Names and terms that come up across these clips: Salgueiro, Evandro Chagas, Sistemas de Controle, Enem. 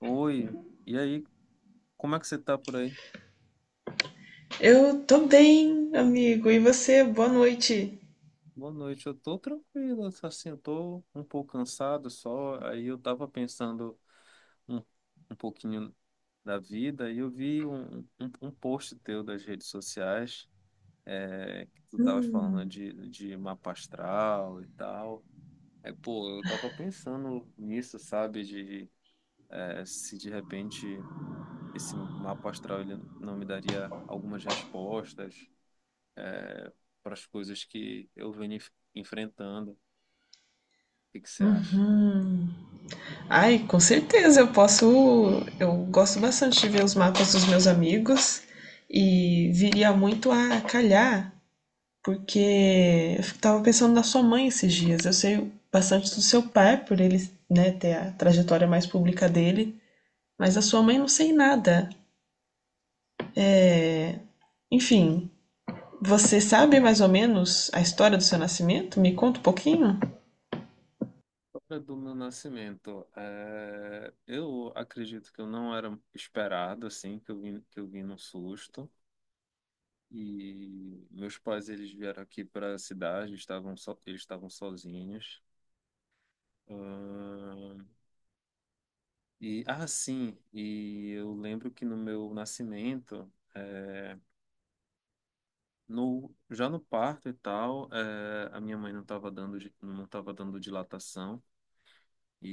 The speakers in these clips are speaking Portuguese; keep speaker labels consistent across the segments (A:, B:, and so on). A: Oi, e aí, como é que você tá por aí?
B: Eu tô bem, amigo. E você? Boa noite.
A: Boa noite, eu tô tranquilo, assim, eu tô um pouco cansado só. Aí eu tava pensando um, um pouquinho da vida, e eu vi um post teu das redes sociais, é, que tu tava falando
B: Hum.
A: de mapa astral e tal. É, pô, eu tava pensando nisso, sabe, de é, se de repente esse mapa astral ele não me daria algumas respostas eh, para as coisas que eu venho enfrentando. O que que você acha?
B: Uhum. Ai, com certeza eu posso. Eu gosto bastante de ver os mapas dos meus amigos e viria muito a calhar, porque eu tava pensando na sua mãe esses dias. Eu sei bastante do seu pai, por ele, né, ter a trajetória mais pública dele, mas da sua mãe não sei nada. É, enfim, você sabe mais ou menos a história do seu nascimento? Me conta um pouquinho.
A: Sobre do meu nascimento, é, eu acredito que eu não era esperado, assim, que eu vim num susto. E meus pais, eles vieram aqui para a cidade, eles estavam sozinhos. Ahn, e, ah, sim, e eu lembro que no meu nascimento, é, no, já no parto e tal, é, a minha mãe não estava dando dilatação. E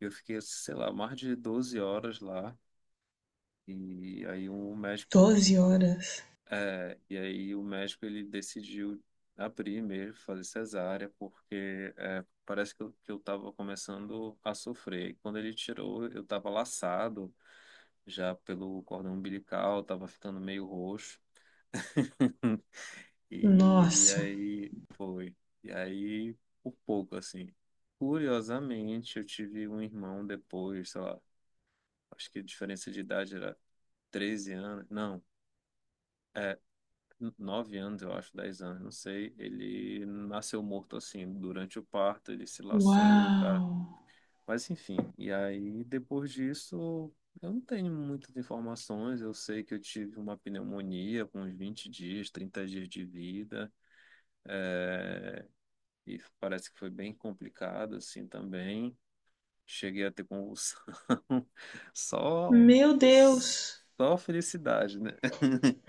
A: eu fiquei, sei lá, mais de 12 horas lá. E aí um médico,
B: 12 horas.
A: é, e aí o médico ele decidiu abrir mesmo, fazer cesárea, porque é, parece que eu tava começando a sofrer. E quando ele tirou, eu tava laçado já pelo cordão umbilical, tava ficando meio roxo. E, e
B: Nossa.
A: aí foi. E aí, por pouco, assim. Curiosamente, eu tive um irmão depois, sei lá, acho que a diferença de idade era 13 anos, não, 9 anos, eu acho, 10 anos, não sei. Ele nasceu morto assim, durante o parto, ele se laçou, o cara.
B: Uau.
A: Mas enfim, e aí depois disso, eu não tenho muitas informações. Eu sei que eu tive uma pneumonia com uns 20 dias, 30 dias de vida, e parece que foi bem complicado assim também. Cheguei a ter convulsão, só,
B: Meu Deus.
A: só felicidade, né?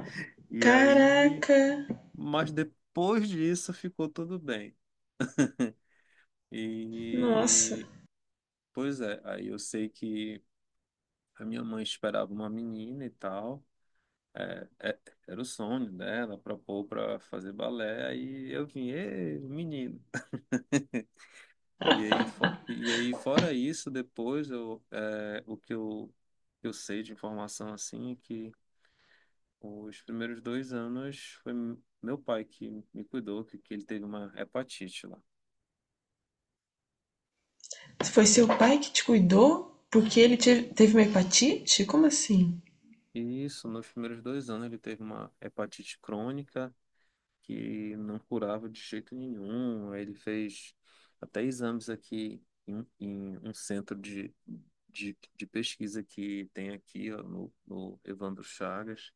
A: E aí,
B: Caraca.
A: mas depois disso ficou tudo bem.
B: Nossa.
A: E pois é, aí eu sei que a minha mãe esperava uma menina e tal. É, é, era o sonho dela, propôs para fazer balé, aí eu vim, ê, menino. E aí, e aí, fora isso, depois eu, é, o que eu sei de informação assim é que os primeiros 2 anos foi meu pai que me cuidou, que ele teve uma hepatite lá.
B: Foi seu pai que te cuidou? Porque ele teve uma hepatite? Como assim?
A: Isso, nos primeiros 2 anos ele teve uma hepatite crônica que não curava de jeito nenhum. Aí ele fez até exames aqui um em um centro de pesquisa que tem aqui ó, no Evandro Chagas.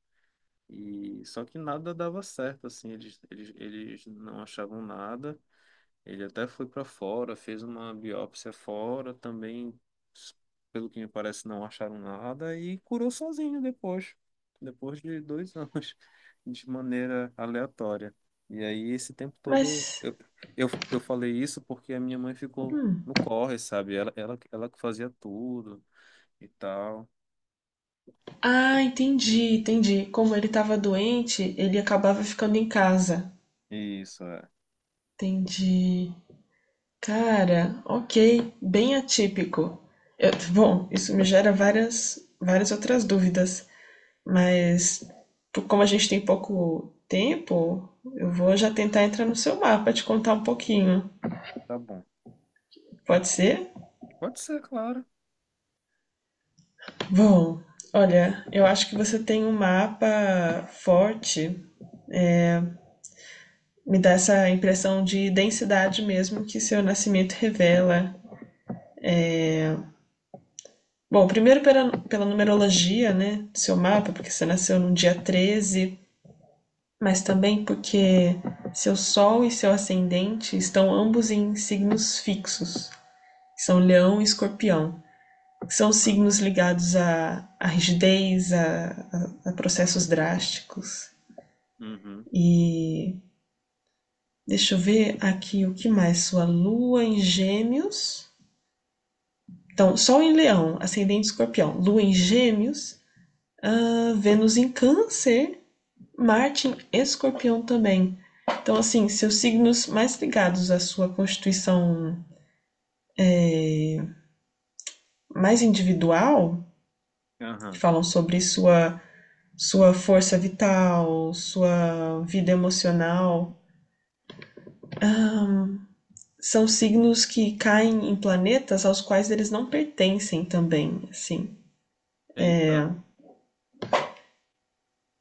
A: E só que nada dava certo, assim, eles não achavam nada. Ele até foi para fora, fez uma biópsia fora também, pelo que me parece, não acharam nada e curou sozinho depois, depois de 2 anos, de maneira aleatória. E aí, esse tempo todo,
B: Mas.
A: eu falei isso porque a minha mãe ficou
B: Hum.
A: no corre, sabe? Ela que fazia tudo e tal.
B: Ah, entendi, entendi. Como ele tava doente, ele acabava ficando em casa.
A: Isso, é.
B: Entendi. Cara, ok. Bem atípico. Bom, isso me gera várias outras dúvidas. Mas, como a gente tem pouco tempo, eu vou já tentar entrar no seu mapa, te contar um pouquinho.
A: Tá bom.
B: Pode ser?
A: Pode ser, claro.
B: Bom, olha, eu acho que você tem um mapa forte. Me dá essa impressão de densidade mesmo que seu nascimento revela. Bom, primeiro pela numerologia, né, do seu mapa, porque você nasceu no dia 13, mas também porque seu Sol e seu ascendente estão ambos em signos fixos, são Leão e Escorpião. São
A: Ah,
B: signos ligados à rigidez, a processos drásticos.
A: uhum.
B: E deixa eu ver aqui o que mais. Sua lua em gêmeos. Então, Sol em Leão, Ascendente Escorpião, Lua em Gêmeos, ah, Vênus em Câncer, Marte em Escorpião também. Então, assim, seus signos mais ligados à sua constituição mais individual, que
A: Aham.
B: falam sobre sua força vital, sua vida emocional, Ah, são signos que caem em planetas aos quais eles não pertencem também, assim.
A: Eita,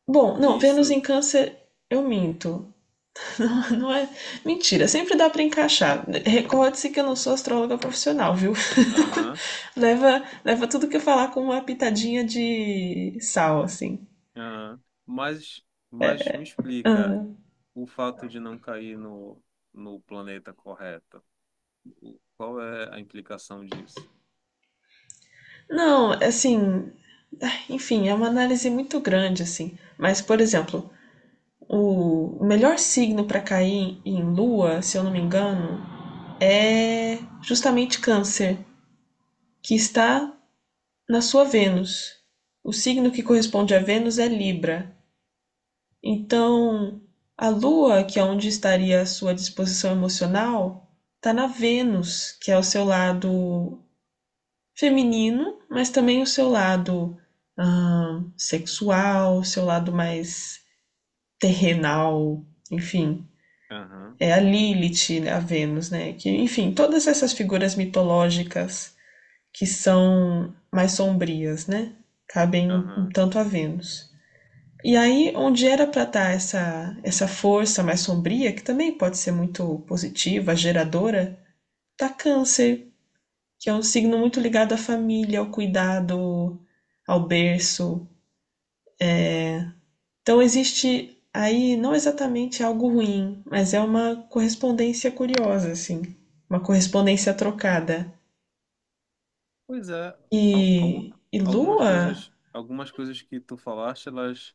B: Bom, não, Vênus
A: isso.
B: em Câncer, eu minto. Não, não é. Mentira, sempre dá para encaixar. Recorde-se que eu não sou astróloga profissional, viu?
A: Aham.
B: leva, leva tudo que eu falar com uma pitadinha de sal, assim.
A: Ah, mas, mas me explica
B: Ah,
A: o fato de não cair no planeta correto. O- qual é a implicação disso?
B: não, assim. Enfim, é uma análise muito grande, assim. Mas, por exemplo, o melhor signo para cair em lua, se eu não me engano, é justamente Câncer, que está na sua Vênus. O signo que corresponde a Vênus é Libra. Então, a lua, que é onde estaria a sua disposição emocional, está na Vênus, que é o seu lado feminino, mas também o seu lado ah, sexual, o seu lado mais terrenal, enfim.
A: Aham,
B: É a Lilith, né, a Vênus, né? Que, enfim, todas essas figuras mitológicas que são mais sombrias, né? Cabem um
A: aham.
B: tanto a Vênus. E aí, onde era para estar essa força mais sombria, que também pode ser muito positiva, geradora, tá Câncer, que é um signo muito ligado à família, ao cuidado, ao berço. Então existe aí não exatamente algo ruim, mas é uma correspondência curiosa, assim. Uma correspondência trocada.
A: Pois é, al- algu-
B: E Lua?
A: algumas coisas que tu falaste, elas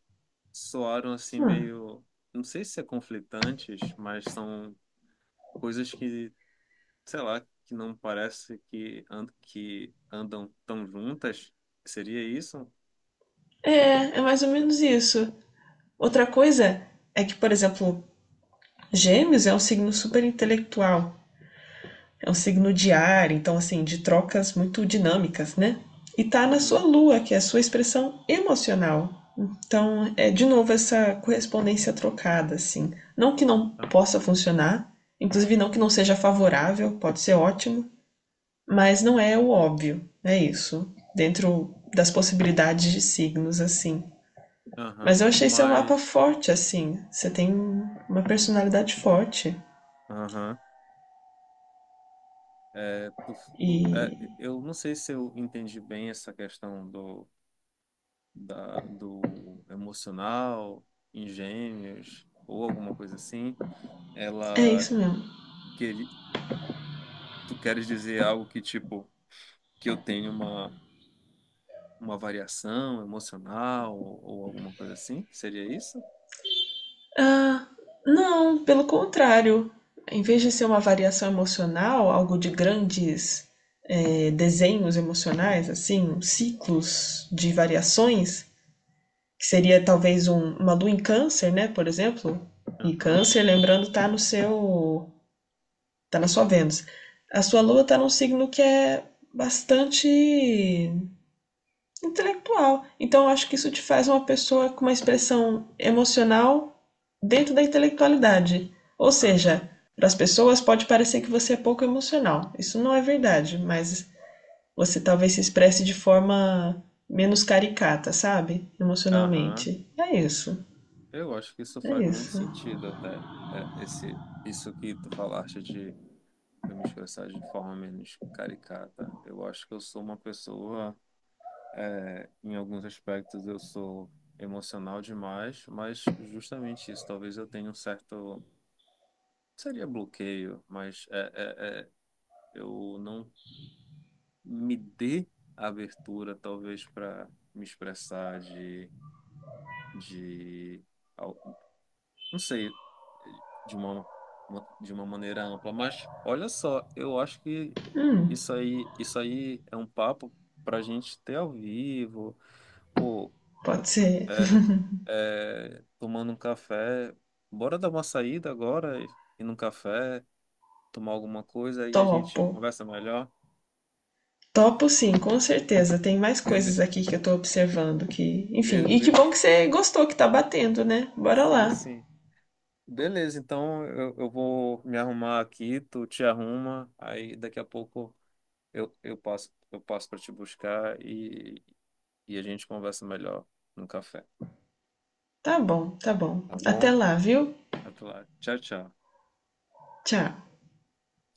A: soaram assim
B: Hum,
A: meio, não sei se é conflitantes, mas são coisas que, sei lá, que não parece que andam tão juntas. Seria isso?
B: é mais ou menos isso. Outra coisa é que, por exemplo, Gêmeos é um signo super intelectual. É um signo de ar, então, assim, de trocas muito dinâmicas, né? E tá na sua
A: Uhum.
B: lua, que é a sua expressão emocional. Então, é de novo essa correspondência trocada, assim. Não que não
A: Ah,
B: possa funcionar, inclusive não que não seja favorável, pode ser ótimo, mas não é o óbvio, é isso, dentro das possibilidades de signos, assim.
A: aham.
B: Mas eu achei seu mapa
A: Mas
B: forte, assim. Você tem uma personalidade forte.
A: aham. É,
B: E
A: é, eu não sei se eu entendi bem essa questão do, do emocional, engenhos ou alguma coisa assim.
B: é
A: Ela
B: isso mesmo.
A: quer, tu queres dizer algo que tipo que eu tenho uma variação emocional ou alguma coisa assim? Seria isso?
B: Ah, não, pelo contrário. Em vez de ser uma variação emocional, algo de grandes desenhos emocionais, assim, ciclos de variações, que seria talvez uma lua em câncer, né, por exemplo. E
A: Aham,
B: câncer, lembrando, está no seu, tá na sua Vênus. A sua lua está num signo que é bastante intelectual. Então, eu acho que isso te faz uma pessoa com uma expressão emocional dentro da intelectualidade. Ou
A: aham,
B: seja, para as pessoas pode parecer que você é pouco emocional. Isso não é verdade, mas você talvez se expresse de forma menos caricata, sabe?
A: aham.
B: Emocionalmente. É isso.
A: Eu acho que isso
B: É
A: faz muito
B: isso.
A: sentido até, é, esse, isso que tu falaste de eu me expressar de forma menos caricata. Eu acho que eu sou uma pessoa, é, em alguns aspectos, eu sou emocional demais, mas justamente isso, talvez eu tenha um certo, seria bloqueio, mas é, eu não me dê abertura, talvez, para me expressar de al- não sei, de uma, de uma maneira ampla. Mas olha só, eu acho que
B: Hum,
A: isso aí é um papo pra gente ter ao vivo, pô,
B: Pode ser.
A: é, tomando um café. Bora dar uma saída agora, ir num café, tomar alguma coisa, aí a gente
B: Topo.
A: conversa melhor.
B: Topo sim, com certeza. Tem mais coisas
A: Bele,
B: aqui que eu tô observando que, enfim, e que
A: bele,
B: bom que você gostou que tá batendo, né? Bora
A: sim,
B: lá.
A: sim. Beleza, então eu vou me arrumar aqui, tu te arruma, aí daqui a pouco eu passo para te buscar e a gente conversa melhor no café,
B: Tá bom, tá bom.
A: tá
B: Até
A: bom?
B: lá, viu?
A: Até lá. Tchau, tchau.
B: Tchau.